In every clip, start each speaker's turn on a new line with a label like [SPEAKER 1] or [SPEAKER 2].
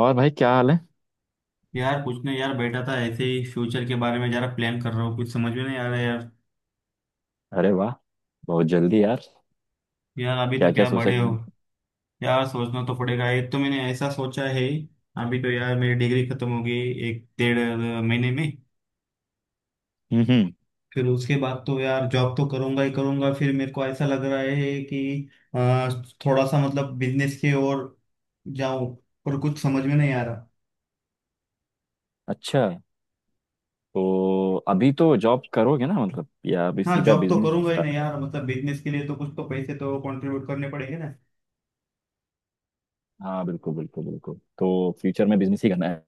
[SPEAKER 1] और भाई क्या हाल है।
[SPEAKER 2] यार कुछ नहीं यार, बैठा था ऐसे ही। फ्यूचर के बारे में जरा प्लान कर रहा हूँ। कुछ समझ में नहीं आ रहा है यार।
[SPEAKER 1] अरे वाह। बहुत जल्दी यार।
[SPEAKER 2] यार अभी
[SPEAKER 1] क्या
[SPEAKER 2] तो
[SPEAKER 1] क्या
[SPEAKER 2] क्या
[SPEAKER 1] सोचा?
[SPEAKER 2] बड़े हो।
[SPEAKER 1] हम्म।
[SPEAKER 2] यार सोचना तो पड़ेगा। एक तो मैंने ऐसा सोचा है। अभी तो यार मेरी डिग्री खत्म होगी एक डेढ़ महीने में।
[SPEAKER 1] हम्म।
[SPEAKER 2] फिर उसके बाद तो यार जॉब तो करूंगा ही करूंगा। फिर मेरे को ऐसा लग रहा है कि अ, थोड़ा सा मतलब बिजनेस की ओर जाऊं, पर कुछ समझ में नहीं आ रहा।
[SPEAKER 1] अच्छा, तो अभी तो जॉब करोगे ना? मतलब या अभी
[SPEAKER 2] हाँ,
[SPEAKER 1] सीधा
[SPEAKER 2] जॉब तो
[SPEAKER 1] बिजनेस
[SPEAKER 2] करूंगा ही
[SPEAKER 1] स्टार्ट
[SPEAKER 2] नहीं
[SPEAKER 1] कर?
[SPEAKER 2] यार। मतलब बिजनेस के लिए तो कुछ तो पैसे तो कंट्रीब्यूट करने पड़ेंगे ना।
[SPEAKER 1] हाँ, बिल्कुल, बिल्कुल, बिल्कुल। तो फ्यूचर में बिजनेस ही करना है?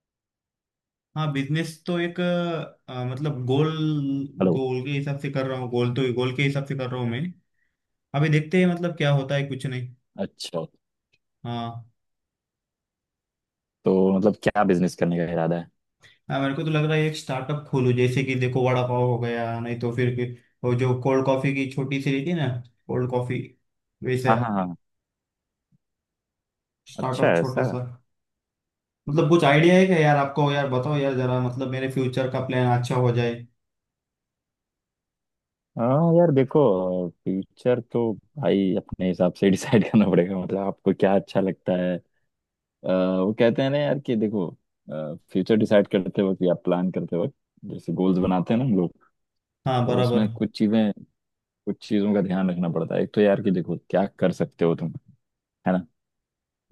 [SPEAKER 2] हाँ, बिजनेस तो एक मतलब गोल,
[SPEAKER 1] हेलो?
[SPEAKER 2] गोल के हिसाब से कर रहा हूँ। गोल तो गोल के हिसाब से कर रहा हूँ मैं। अभी देखते हैं मतलब क्या होता है, कुछ नहीं।
[SPEAKER 1] अच्छा,
[SPEAKER 2] हाँ।
[SPEAKER 1] तो मतलब क्या बिजनेस करने का इरादा है?
[SPEAKER 2] हाँ, मेरे को तो लग रहा है एक स्टार्टअप खोलूँ। जैसे कि देखो वड़ा पाव हो गया, नहीं तो फिर वो जो कोल्ड कॉफी की छोटी सी रहती है ना, कोल्ड कॉफी वैसे,
[SPEAKER 1] हाँ, हाँ, हाँ। अच्छा,
[SPEAKER 2] स्टार्टअप छोटा
[SPEAKER 1] ऐसा।
[SPEAKER 2] सा। मतलब कुछ आइडिया है क्या यार आपको? यार बताओ यार जरा, मतलब मेरे फ्यूचर का प्लान अच्छा हो जाए।
[SPEAKER 1] हाँ यार देखो। फ्यूचर तो भाई अपने हिसाब से डिसाइड करना पड़ेगा। मतलब आपको क्या अच्छा लगता है? वो कहते हैं ना यार कि देखो, फ्यूचर डिसाइड करते वक्त या प्लान करते वक्त, जैसे गोल्स बनाते हैं ना हम लोग।
[SPEAKER 2] हाँ
[SPEAKER 1] तो
[SPEAKER 2] बराबर।
[SPEAKER 1] उसमें कुछ चीजों का ध्यान रखना पड़ता है। एक तो यार कि देखो क्या कर सकते हो तुम। है ना।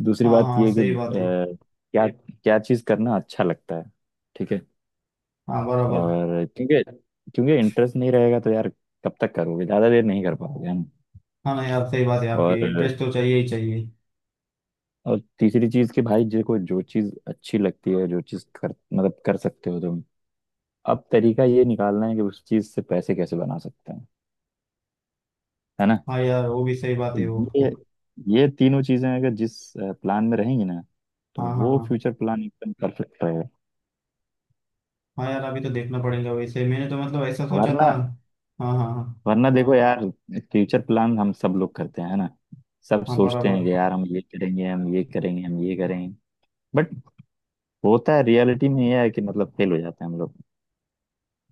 [SPEAKER 1] दूसरी
[SPEAKER 2] हाँ
[SPEAKER 1] बात
[SPEAKER 2] हाँ
[SPEAKER 1] ये है कि
[SPEAKER 2] सही बात है।
[SPEAKER 1] क्या क्या चीज करना अच्छा लगता है। ठीक है।
[SPEAKER 2] हाँ बराबर।
[SPEAKER 1] और क्योंकि क्योंकि इंटरेस्ट नहीं रहेगा तो यार, कब तक करोगे? ज्यादा देर नहीं कर पाओगे, है ना।
[SPEAKER 2] हाँ ना यार, सही बात है आपकी।
[SPEAKER 1] और
[SPEAKER 2] इंटरेस्ट तो चाहिए ही चाहिए।
[SPEAKER 1] और तीसरी चीज कि भाई जो चीज अच्छी लगती है, जो चीज कर मतलब कर सकते हो तुम। अब तरीका ये निकालना है कि उस चीज से पैसे कैसे बना सकते हैं। है ना।
[SPEAKER 2] हाँ यार, वो भी सही बात
[SPEAKER 1] तो
[SPEAKER 2] है वो
[SPEAKER 1] ये
[SPEAKER 2] भी।
[SPEAKER 1] ये तीनों चीजें अगर जिस प्लान में रहेंगी ना, तो
[SPEAKER 2] हाँ हाँ
[SPEAKER 1] वो
[SPEAKER 2] हाँ।
[SPEAKER 1] फ्यूचर प्लान एकदम परफेक्ट रहेगा।
[SPEAKER 2] हाँ यार अभी तो देखना पड़ेगा, वैसे मैंने तो मतलब ऐसा सोचा था।
[SPEAKER 1] वरना
[SPEAKER 2] हाँ हाँ हाँ।
[SPEAKER 1] वरना देखो यार, फ्यूचर प्लान हम सब लोग करते हैं, है ना। सब
[SPEAKER 2] हाँ
[SPEAKER 1] सोचते हैं
[SPEAKER 2] बराबर।
[SPEAKER 1] कि यार हम ये करेंगे, हम ये करेंगे, हम ये करेंगे। बट होता है रियलिटी में ये है कि मतलब फेल हो जाते हैं हम लोग।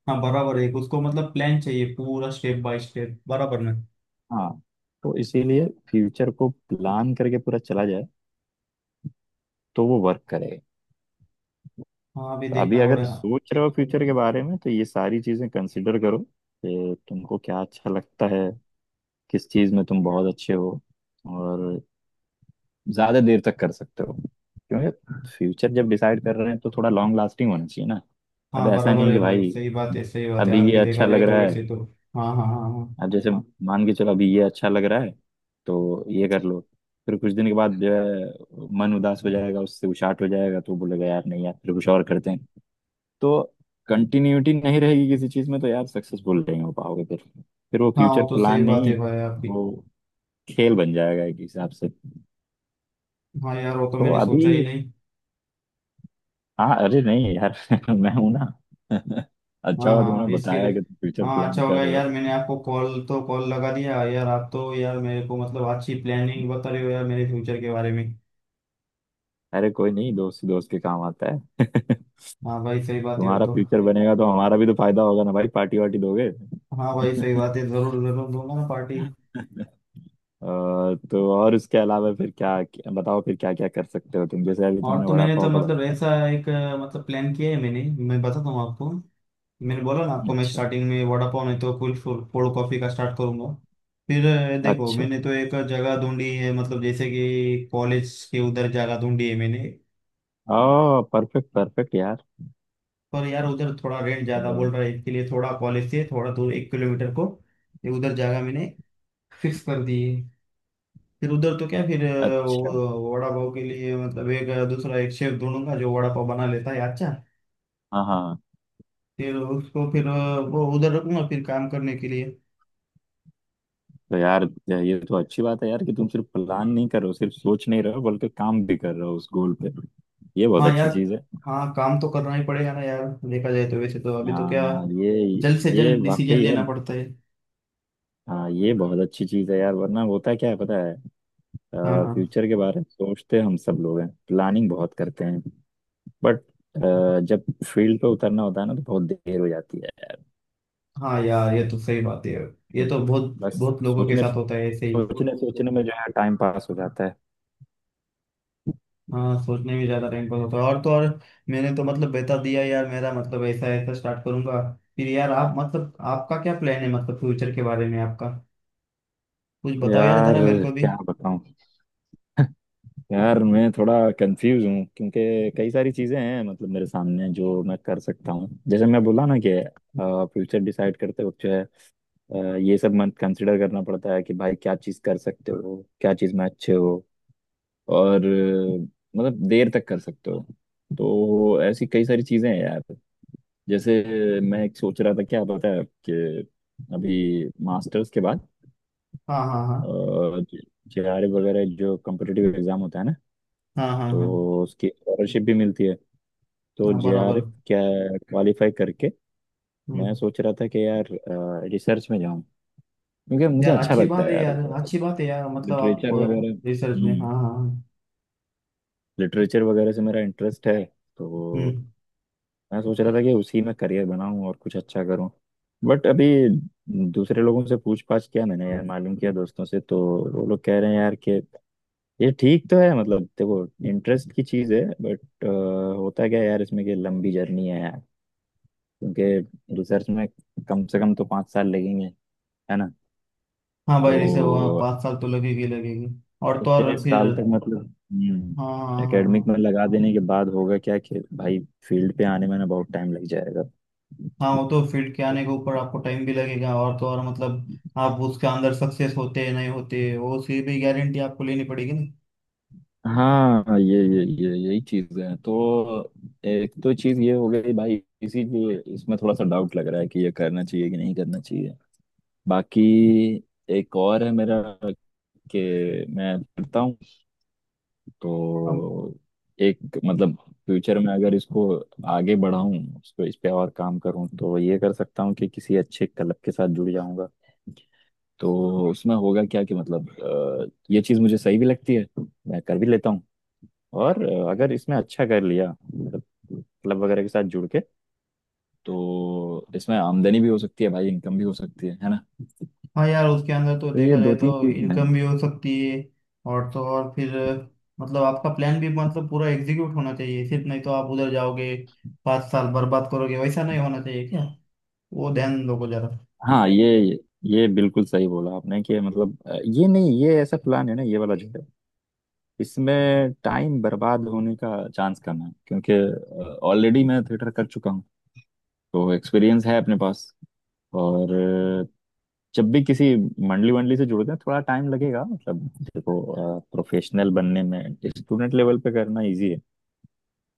[SPEAKER 2] हाँ बराबर है, उसको मतलब प्लान चाहिए पूरा स्टेप बाय स्टेप बराबर ना।
[SPEAKER 1] हाँ, तो इसीलिए फ्यूचर को प्लान करके पूरा चला जाए, तो वो वर्क करेगा।
[SPEAKER 2] हाँ, अभी
[SPEAKER 1] तो अभी
[SPEAKER 2] देखना
[SPEAKER 1] अगर
[SPEAKER 2] पड़ेगा।
[SPEAKER 1] सोच रहे हो फ्यूचर के बारे में, तो ये सारी चीजें कंसिडर करो कि तुमको क्या अच्छा लगता है, किस चीज में तुम बहुत अच्छे हो, और ज्यादा देर तक कर सकते हो। क्योंकि फ्यूचर जब डिसाइड कर रहे हैं, तो थोड़ा लॉन्ग लास्टिंग होना चाहिए ना। अब
[SPEAKER 2] हाँ
[SPEAKER 1] ऐसा
[SPEAKER 2] बराबर
[SPEAKER 1] नहीं
[SPEAKER 2] है
[SPEAKER 1] कि
[SPEAKER 2] भाई,
[SPEAKER 1] भाई
[SPEAKER 2] सही बात है
[SPEAKER 1] अभी ये
[SPEAKER 2] आपकी।
[SPEAKER 1] अच्छा
[SPEAKER 2] देखा
[SPEAKER 1] लग
[SPEAKER 2] जाए तो
[SPEAKER 1] रहा है।
[SPEAKER 2] वैसे तो हाँ हाँ हाँ हाँ।
[SPEAKER 1] अब जैसे मान के चलो अभी ये अच्छा लग रहा है, तो ये कर लो। फिर कुछ दिन के बाद जो है, मन उदास हो जाएगा, उससे उचाट हो जाएगा, तो बोलेगा यार नहीं यार, फिर कुछ और करते हैं। तो कंटिन्यूटी नहीं रहेगी किसी चीज में, तो यार सक्सेसफुल नहीं हो पाओगे फिर। फिर वो
[SPEAKER 2] हाँ,
[SPEAKER 1] फ्यूचर
[SPEAKER 2] वो तो
[SPEAKER 1] प्लान
[SPEAKER 2] सही बात
[SPEAKER 1] नहीं,
[SPEAKER 2] है भाई आपकी।
[SPEAKER 1] वो खेल बन जाएगा एक हिसाब से।
[SPEAKER 2] हाँ यार, वो तो
[SPEAKER 1] तो
[SPEAKER 2] मैंने
[SPEAKER 1] अभी,
[SPEAKER 2] सोचा ही नहीं।
[SPEAKER 1] हाँ, अरे नहीं यार मैं हूं ना। अच्छा
[SPEAKER 2] हाँ
[SPEAKER 1] हुआ
[SPEAKER 2] हाँ
[SPEAKER 1] तुमने
[SPEAKER 2] हाँ, इसके
[SPEAKER 1] बताया
[SPEAKER 2] लिए।
[SPEAKER 1] कि तुम फ्यूचर
[SPEAKER 2] हाँ
[SPEAKER 1] प्लान
[SPEAKER 2] अच्छा
[SPEAKER 1] कर
[SPEAKER 2] होगा
[SPEAKER 1] रहे हो।
[SPEAKER 2] यार, मैंने आपको कॉल तो कॉल लगा दिया यार। आप तो यार मेरे को मतलब अच्छी प्लानिंग बता रहे हो यार मेरे फ्यूचर के बारे में।
[SPEAKER 1] अरे कोई नहीं, दोस्त दोस्त के काम आता है
[SPEAKER 2] हाँ भाई सही बात है वो
[SPEAKER 1] तुम्हारा
[SPEAKER 2] तो।
[SPEAKER 1] फ्यूचर बनेगा तो हमारा भी तो फायदा होगा ना भाई, पार्टी वार्टी दोगे
[SPEAKER 2] हाँ भाई सही बात है, जरूर जरूर दूंगा ना पार्टी।
[SPEAKER 1] अ, तो और उसके अलावा फिर क्या, क्या बताओ, फिर क्या क्या कर सकते हो तुम, जैसे अभी
[SPEAKER 2] और
[SPEAKER 1] तुमने
[SPEAKER 2] तो
[SPEAKER 1] वड़ा
[SPEAKER 2] मैंने तो
[SPEAKER 1] पाव का
[SPEAKER 2] मतलब
[SPEAKER 1] बताया?
[SPEAKER 2] ऐसा एक मतलब प्लान किया है मैंने। मैं बताता हूँ आपको। मैंने बोला ना आपको, मैं
[SPEAKER 1] अच्छा,
[SPEAKER 2] स्टार्टिंग में वड़ा पाव नहीं तो कुल कोल्ड कॉफी का स्टार्ट करूंगा। फिर देखो
[SPEAKER 1] अच्छा।
[SPEAKER 2] मैंने तो एक जगह ढूंढी है, मतलब जैसे कि कॉलेज के उधर जगह ढूंढी है मैंने।
[SPEAKER 1] ओ परफेक्ट, परफेक्ट यार।
[SPEAKER 2] पर यार उधर थोड़ा रेंट ज्यादा
[SPEAKER 1] ओ,
[SPEAKER 2] बोल रहा है, इसके लिए थोड़ा कॉलेज से थोड़ा दूर 1 किलोमीटर को ये उधर जगह मैंने फिक्स कर दी है। फिर उधर तो क्या, फिर
[SPEAKER 1] अच्छा।
[SPEAKER 2] वो वड़ा पाव के लिए मतलब एक दूसरा एक शेफ ढूंढूंगा जो वड़ा पाव बना लेता है अच्छा।
[SPEAKER 1] हाँ, हाँ।
[SPEAKER 2] फिर उसको फिर वो उधर रखूंगा फिर काम करने के लिए।
[SPEAKER 1] तो यार ये तो अच्छी बात है यार कि तुम सिर्फ प्लान नहीं कर रहे हो, सिर्फ सोच नहीं रहे हो, बल्कि काम भी कर रहे हो उस गोल पे। ये बहुत
[SPEAKER 2] हाँ यार।
[SPEAKER 1] अच्छी चीज है।
[SPEAKER 2] हाँ काम तो करना ही पड़ेगा ना यार। देखा जाए तो वैसे तो अभी तो क्या,
[SPEAKER 1] हाँ, ये
[SPEAKER 2] जल्द से
[SPEAKER 1] ये
[SPEAKER 2] जल्द डिसीजन
[SPEAKER 1] वाकई है।
[SPEAKER 2] लेना पड़ता है।
[SPEAKER 1] हाँ, ये बहुत अच्छी चीज है यार। वरना होता क्या है पता है?
[SPEAKER 2] हाँ हाँ।
[SPEAKER 1] फ्यूचर के बारे में सोचते हम सब लोग हैं, प्लानिंग बहुत करते हैं। बट जब फील्ड पे उतरना होता है ना, तो बहुत देर हो जाती है।
[SPEAKER 2] हाँ यार ये तो सही बात है। ये
[SPEAKER 1] बिल-
[SPEAKER 2] तो बहुत
[SPEAKER 1] बस
[SPEAKER 2] बहुत लोगों के
[SPEAKER 1] सोचने
[SPEAKER 2] साथ होता है ऐसे ही।
[SPEAKER 1] सोचने सोचने में जो है टाइम पास हो जाता है।
[SPEAKER 2] हाँ, सोचने में ज्यादा टाइम पास होता है और तो और। मैंने तो मतलब बता दिया यार, मेरा मतलब ऐसा ऐसा स्टार्ट करूंगा। फिर यार आप मतलब आपका क्या प्लान है मतलब फ्यूचर के बारे में आपका? कुछ बताओ यार
[SPEAKER 1] यार
[SPEAKER 2] जरा मेरे को भी।
[SPEAKER 1] क्या बताऊं? यार मैं थोड़ा कंफ्यूज हूँ, क्योंकि कई सारी चीजें हैं मतलब मेरे सामने जो मैं कर सकता हूँ। जैसे मैं बोला ना कि फ्यूचर डिसाइड करते वक्त जो है, अ, ये सब मन कंसिडर करना पड़ता है कि भाई क्या चीज कर सकते हो, क्या चीज में अच्छे हो, और मतलब देर तक कर सकते हो। तो ऐसी कई सारी चीजें हैं यार। जैसे मैं एक सोच रहा था क्या पता है कि अभी मास्टर्स के बाद
[SPEAKER 2] हाँ हाँ हाँ।
[SPEAKER 1] जेआरएफ वगैरह जो कम्पिटिटिव एग्जाम होता है ना,
[SPEAKER 2] हाँ हाँ हाँ।
[SPEAKER 1] तो उसकी स्कॉलरशिप भी मिलती है। तो
[SPEAKER 2] हाँ बराबर।
[SPEAKER 1] जेआरएफ क्या क्वालिफाई करके मैं
[SPEAKER 2] हम्म।
[SPEAKER 1] सोच रहा था कि यार रिसर्च में जाऊं, क्योंकि मुझे
[SPEAKER 2] यार
[SPEAKER 1] अच्छा
[SPEAKER 2] अच्छी
[SPEAKER 1] लगता
[SPEAKER 2] बात
[SPEAKER 1] है
[SPEAKER 2] है
[SPEAKER 1] यार।
[SPEAKER 2] यार, अच्छी बात है यार, मतलब आप
[SPEAKER 1] लिटरेचर वगैरह,
[SPEAKER 2] रिसर्च में हाँ हाँ हाँ।
[SPEAKER 1] लिटरेचर वगैरह से मेरा इंटरेस्ट है, तो
[SPEAKER 2] हम्म।
[SPEAKER 1] मैं सोच रहा था कि उसी में करियर बनाऊं और कुछ अच्छा करूं। बट अभी दूसरे लोगों से पूछ पाछ किया मैंने यार, मालूम किया दोस्तों से, तो वो लोग कह रहे हैं यार कि ये ठीक तो है, मतलब देखो इंटरेस्ट की चीज़ है, बट होता क्या है यार इसमें कि लंबी जर्नी है यार। क्योंकि रिसर्च में कम से कम तो 5 साल लगेंगे, है ना।
[SPEAKER 2] हाँ भाई रिसर्च वहाँ
[SPEAKER 1] तो
[SPEAKER 2] 5 साल तो लगेगी लगेगी। और तो
[SPEAKER 1] इतने
[SPEAKER 2] और फिर
[SPEAKER 1] साल तक मतलब,
[SPEAKER 2] हाँ हाँ हाँ हाँ।
[SPEAKER 1] एकेडमिक में लगा देने के बाद होगा क्या कि भाई फील्ड पे आने में ना बहुत टाइम लग जाएगा।
[SPEAKER 2] हाँ वो तो फील्ड के
[SPEAKER 1] तो
[SPEAKER 2] आने के ऊपर आपको टाइम भी लगेगा, और तो और मतलब आप उसके अंदर सक्सेस होते हैं नहीं होते वो उसकी भी गारंटी आपको लेनी पड़ेगी ना।
[SPEAKER 1] हाँ, ये यही चीज है तो एक तो चीज ये हो गई भाई। इसीलिए इसमें थोड़ा सा डाउट लग रहा है कि ये करना चाहिए कि नहीं करना चाहिए। बाकी एक और है मेरा कि मैं करता हूँ
[SPEAKER 2] अब
[SPEAKER 1] तो एक मतलब फ्यूचर में अगर इसको आगे बढ़ाऊं, इसको इस पे और काम करूं, तो ये कर सकता हूँ कि किसी अच्छे क्लब के साथ जुड़ जाऊंगा। तो उसमें होगा क्या कि मतलब ये चीज मुझे सही भी लगती है, मैं कर भी लेता हूँ। और अगर इसमें अच्छा कर लिया मतलब क्लब वगैरह के साथ जुड़ के, तो इसमें आमदनी भी हो सकती है भाई, इनकम भी हो सकती है ना।
[SPEAKER 2] हाँ यार उसके अंदर तो
[SPEAKER 1] तो ये
[SPEAKER 2] देखा जाए
[SPEAKER 1] दो तीन
[SPEAKER 2] तो
[SPEAKER 1] चीज है।
[SPEAKER 2] इनकम भी हो सकती है। और तो और फिर मतलब आपका प्लान भी मतलब पूरा एग्जीक्यूट होना चाहिए सिर्फ, नहीं तो आप उधर जाओगे 5 साल बर्बाद करोगे। वैसा नहीं होना चाहिए क्या, वो ध्यान दोगे जरा।
[SPEAKER 1] हाँ, ये बिल्कुल सही बोला आपने कि मतलब ये नहीं, ये ऐसा प्लान है ना, ये वाला जो है, इसमें टाइम बर्बाद होने का चांस कम है, क्योंकि ऑलरेडी मैं थिएटर कर चुका हूँ, तो एक्सपीरियंस है अपने पास। और जब भी किसी मंडली वंडली से जुड़ते हैं थोड़ा टाइम लगेगा मतलब। देखो, प्रोफेशनल बनने में स्टूडेंट लेवल पे करना इजी है।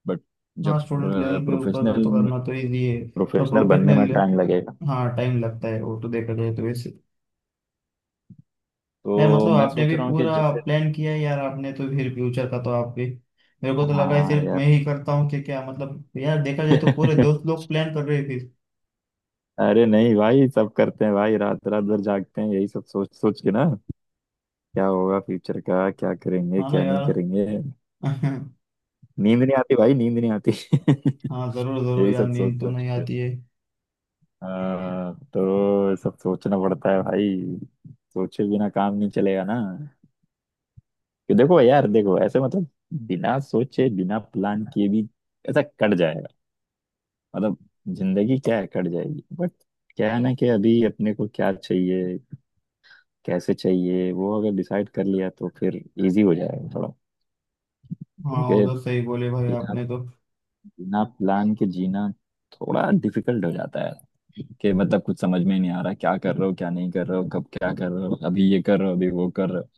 [SPEAKER 1] बट
[SPEAKER 2] हाँ
[SPEAKER 1] जब
[SPEAKER 2] स्टूडेंट लेवल पे ऊपर कर
[SPEAKER 1] प्रोफेशनल
[SPEAKER 2] तो करना तो ईजी है पर
[SPEAKER 1] प्रोफेशनल बनने में
[SPEAKER 2] प्रोफेशनल
[SPEAKER 1] टाइम लगेगा।
[SPEAKER 2] हाँ टाइम लगता है वो तो देखा जाए तो वैसे। मैं
[SPEAKER 1] तो
[SPEAKER 2] मतलब
[SPEAKER 1] मैं
[SPEAKER 2] आपने
[SPEAKER 1] सोच
[SPEAKER 2] भी
[SPEAKER 1] रहा हूँ कि
[SPEAKER 2] पूरा
[SPEAKER 1] जैसे,
[SPEAKER 2] प्लान किया है यार, आपने तो फिर फ्यूचर का तो आप भी। मेरे को तो लगा है
[SPEAKER 1] हाँ
[SPEAKER 2] सिर्फ मैं
[SPEAKER 1] यार।
[SPEAKER 2] ही करता हूँ कि क्या, मतलब यार देखा जाए तो पूरे दोस्त लोग प्लान कर रहे हैं फिर।
[SPEAKER 1] अरे नहीं भाई, सब करते हैं भाई। रात रात भर जागते हैं यही सब सोच सोच के ना। क्या होगा फ्यूचर का, क्या करेंगे,
[SPEAKER 2] हाँ ना
[SPEAKER 1] क्या नहीं
[SPEAKER 2] यार
[SPEAKER 1] करेंगे। नींद नहीं आती भाई, नींद नहीं आती
[SPEAKER 2] हाँ जरूर जरूर
[SPEAKER 1] यही
[SPEAKER 2] यार,
[SPEAKER 1] सब सोच
[SPEAKER 2] नींद तो नहीं
[SPEAKER 1] सोच।
[SPEAKER 2] आती है।
[SPEAKER 1] हाँ, तो सब सोचना पड़ता है भाई। सोचे बिना काम नहीं चलेगा ना। कि देखो यार, देखो ऐसे मतलब बिना सोचे, बिना प्लान किए भी ऐसा कट जाएगा, मतलब जिंदगी क्या है, कट जाएगी। बट क्या है ना कि अभी अपने को क्या चाहिए, कैसे चाहिए, वो अगर डिसाइड कर लिया तो फिर इजी हो जाएगा थोड़ा।
[SPEAKER 2] हाँ
[SPEAKER 1] क्योंकि
[SPEAKER 2] उधर सही बोले भाई
[SPEAKER 1] बिना
[SPEAKER 2] आपने तो।
[SPEAKER 1] बिना प्लान के जीना थोड़ा डिफिकल्ट हो जाता है कि मतलब कुछ समझ में नहीं आ रहा क्या कर रहे हो, क्या नहीं कर रहे हो, कब क्या कर रहे हो, अभी ये कर रहे हो, अभी वो कर रहे हो।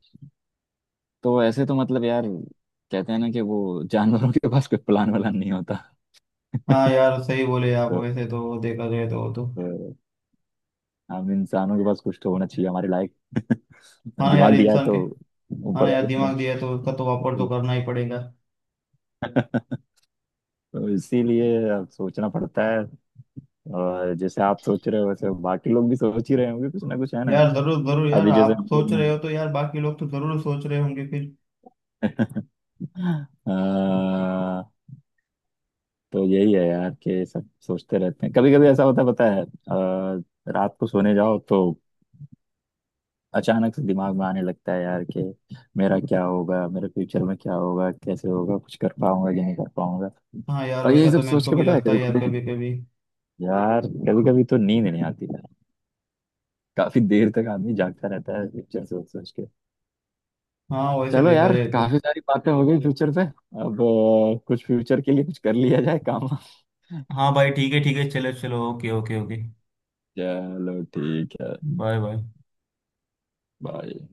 [SPEAKER 1] तो ऐसे तो मतलब यार, कहते हैं ना कि वो जानवरों के पास कोई प्लान वालान नहीं होता।
[SPEAKER 2] हाँ यार सही बोले आप,
[SPEAKER 1] तो,
[SPEAKER 2] वैसे तो देखा जाए तो वो तो
[SPEAKER 1] तो हम इंसानों के पास कुछ तो होना चाहिए हमारे लायक।
[SPEAKER 2] हाँ ना यार
[SPEAKER 1] दिमाग दिया है
[SPEAKER 2] इंसान के।
[SPEAKER 1] तो
[SPEAKER 2] हाँ
[SPEAKER 1] ऊपर
[SPEAKER 2] ना यार
[SPEAKER 1] वाले ने
[SPEAKER 2] दिमाग दिया तो उसका तो वापर तो
[SPEAKER 1] तो।
[SPEAKER 2] करना ही पड़ेगा।
[SPEAKER 1] तो इसीलिए अब सोचना पड़ता है। और जैसे आप सोच रहे हो वैसे बाकी लोग भी सोच ही रहे होंगे कुछ ना कुछ, है ना।
[SPEAKER 2] यार जरूर जरूर यार,
[SPEAKER 1] अभी जैसे
[SPEAKER 2] आप
[SPEAKER 1] हम
[SPEAKER 2] सोच रहे
[SPEAKER 1] लोग,
[SPEAKER 2] हो तो यार बाकी लोग तो जरूर सोच रहे होंगे फिर।
[SPEAKER 1] अ, तो यही है यार कि सब सोचते रहते हैं। कभी कभी ऐसा होता है पता है, रात को सोने जाओ तो अचानक से दिमाग में आने लगता है यार कि मेरा क्या होगा, मेरे फ्यूचर में क्या होगा, कैसे होगा, कुछ कर पाऊंगा कि नहीं कर पाऊंगा।
[SPEAKER 2] हाँ यार
[SPEAKER 1] और
[SPEAKER 2] वैसा
[SPEAKER 1] यही सब
[SPEAKER 2] तो मेरे
[SPEAKER 1] सोच
[SPEAKER 2] को
[SPEAKER 1] के
[SPEAKER 2] भी
[SPEAKER 1] पता है
[SPEAKER 2] लगता
[SPEAKER 1] कभी
[SPEAKER 2] है यार कभी
[SPEAKER 1] कभी,
[SPEAKER 2] कभी।
[SPEAKER 1] यार कभी कभी तो नींद नहीं आती है। काफी देर तक आदमी जागता रहता है फ्यूचर सोच सोच के।
[SPEAKER 2] हाँ वैसे
[SPEAKER 1] चलो
[SPEAKER 2] देखा
[SPEAKER 1] यार,
[SPEAKER 2] जाए तो
[SPEAKER 1] काफी सारी बातें हो गई फ्यूचर पे। अब कुछ फ्यूचर के लिए कुछ कर लिया जाए काम।
[SPEAKER 2] हाँ भाई ठीक है ठीक है, चलो चलो ओके ओके ओके।
[SPEAKER 1] चलो, ठीक है।
[SPEAKER 2] Bye bye.
[SPEAKER 1] बाय।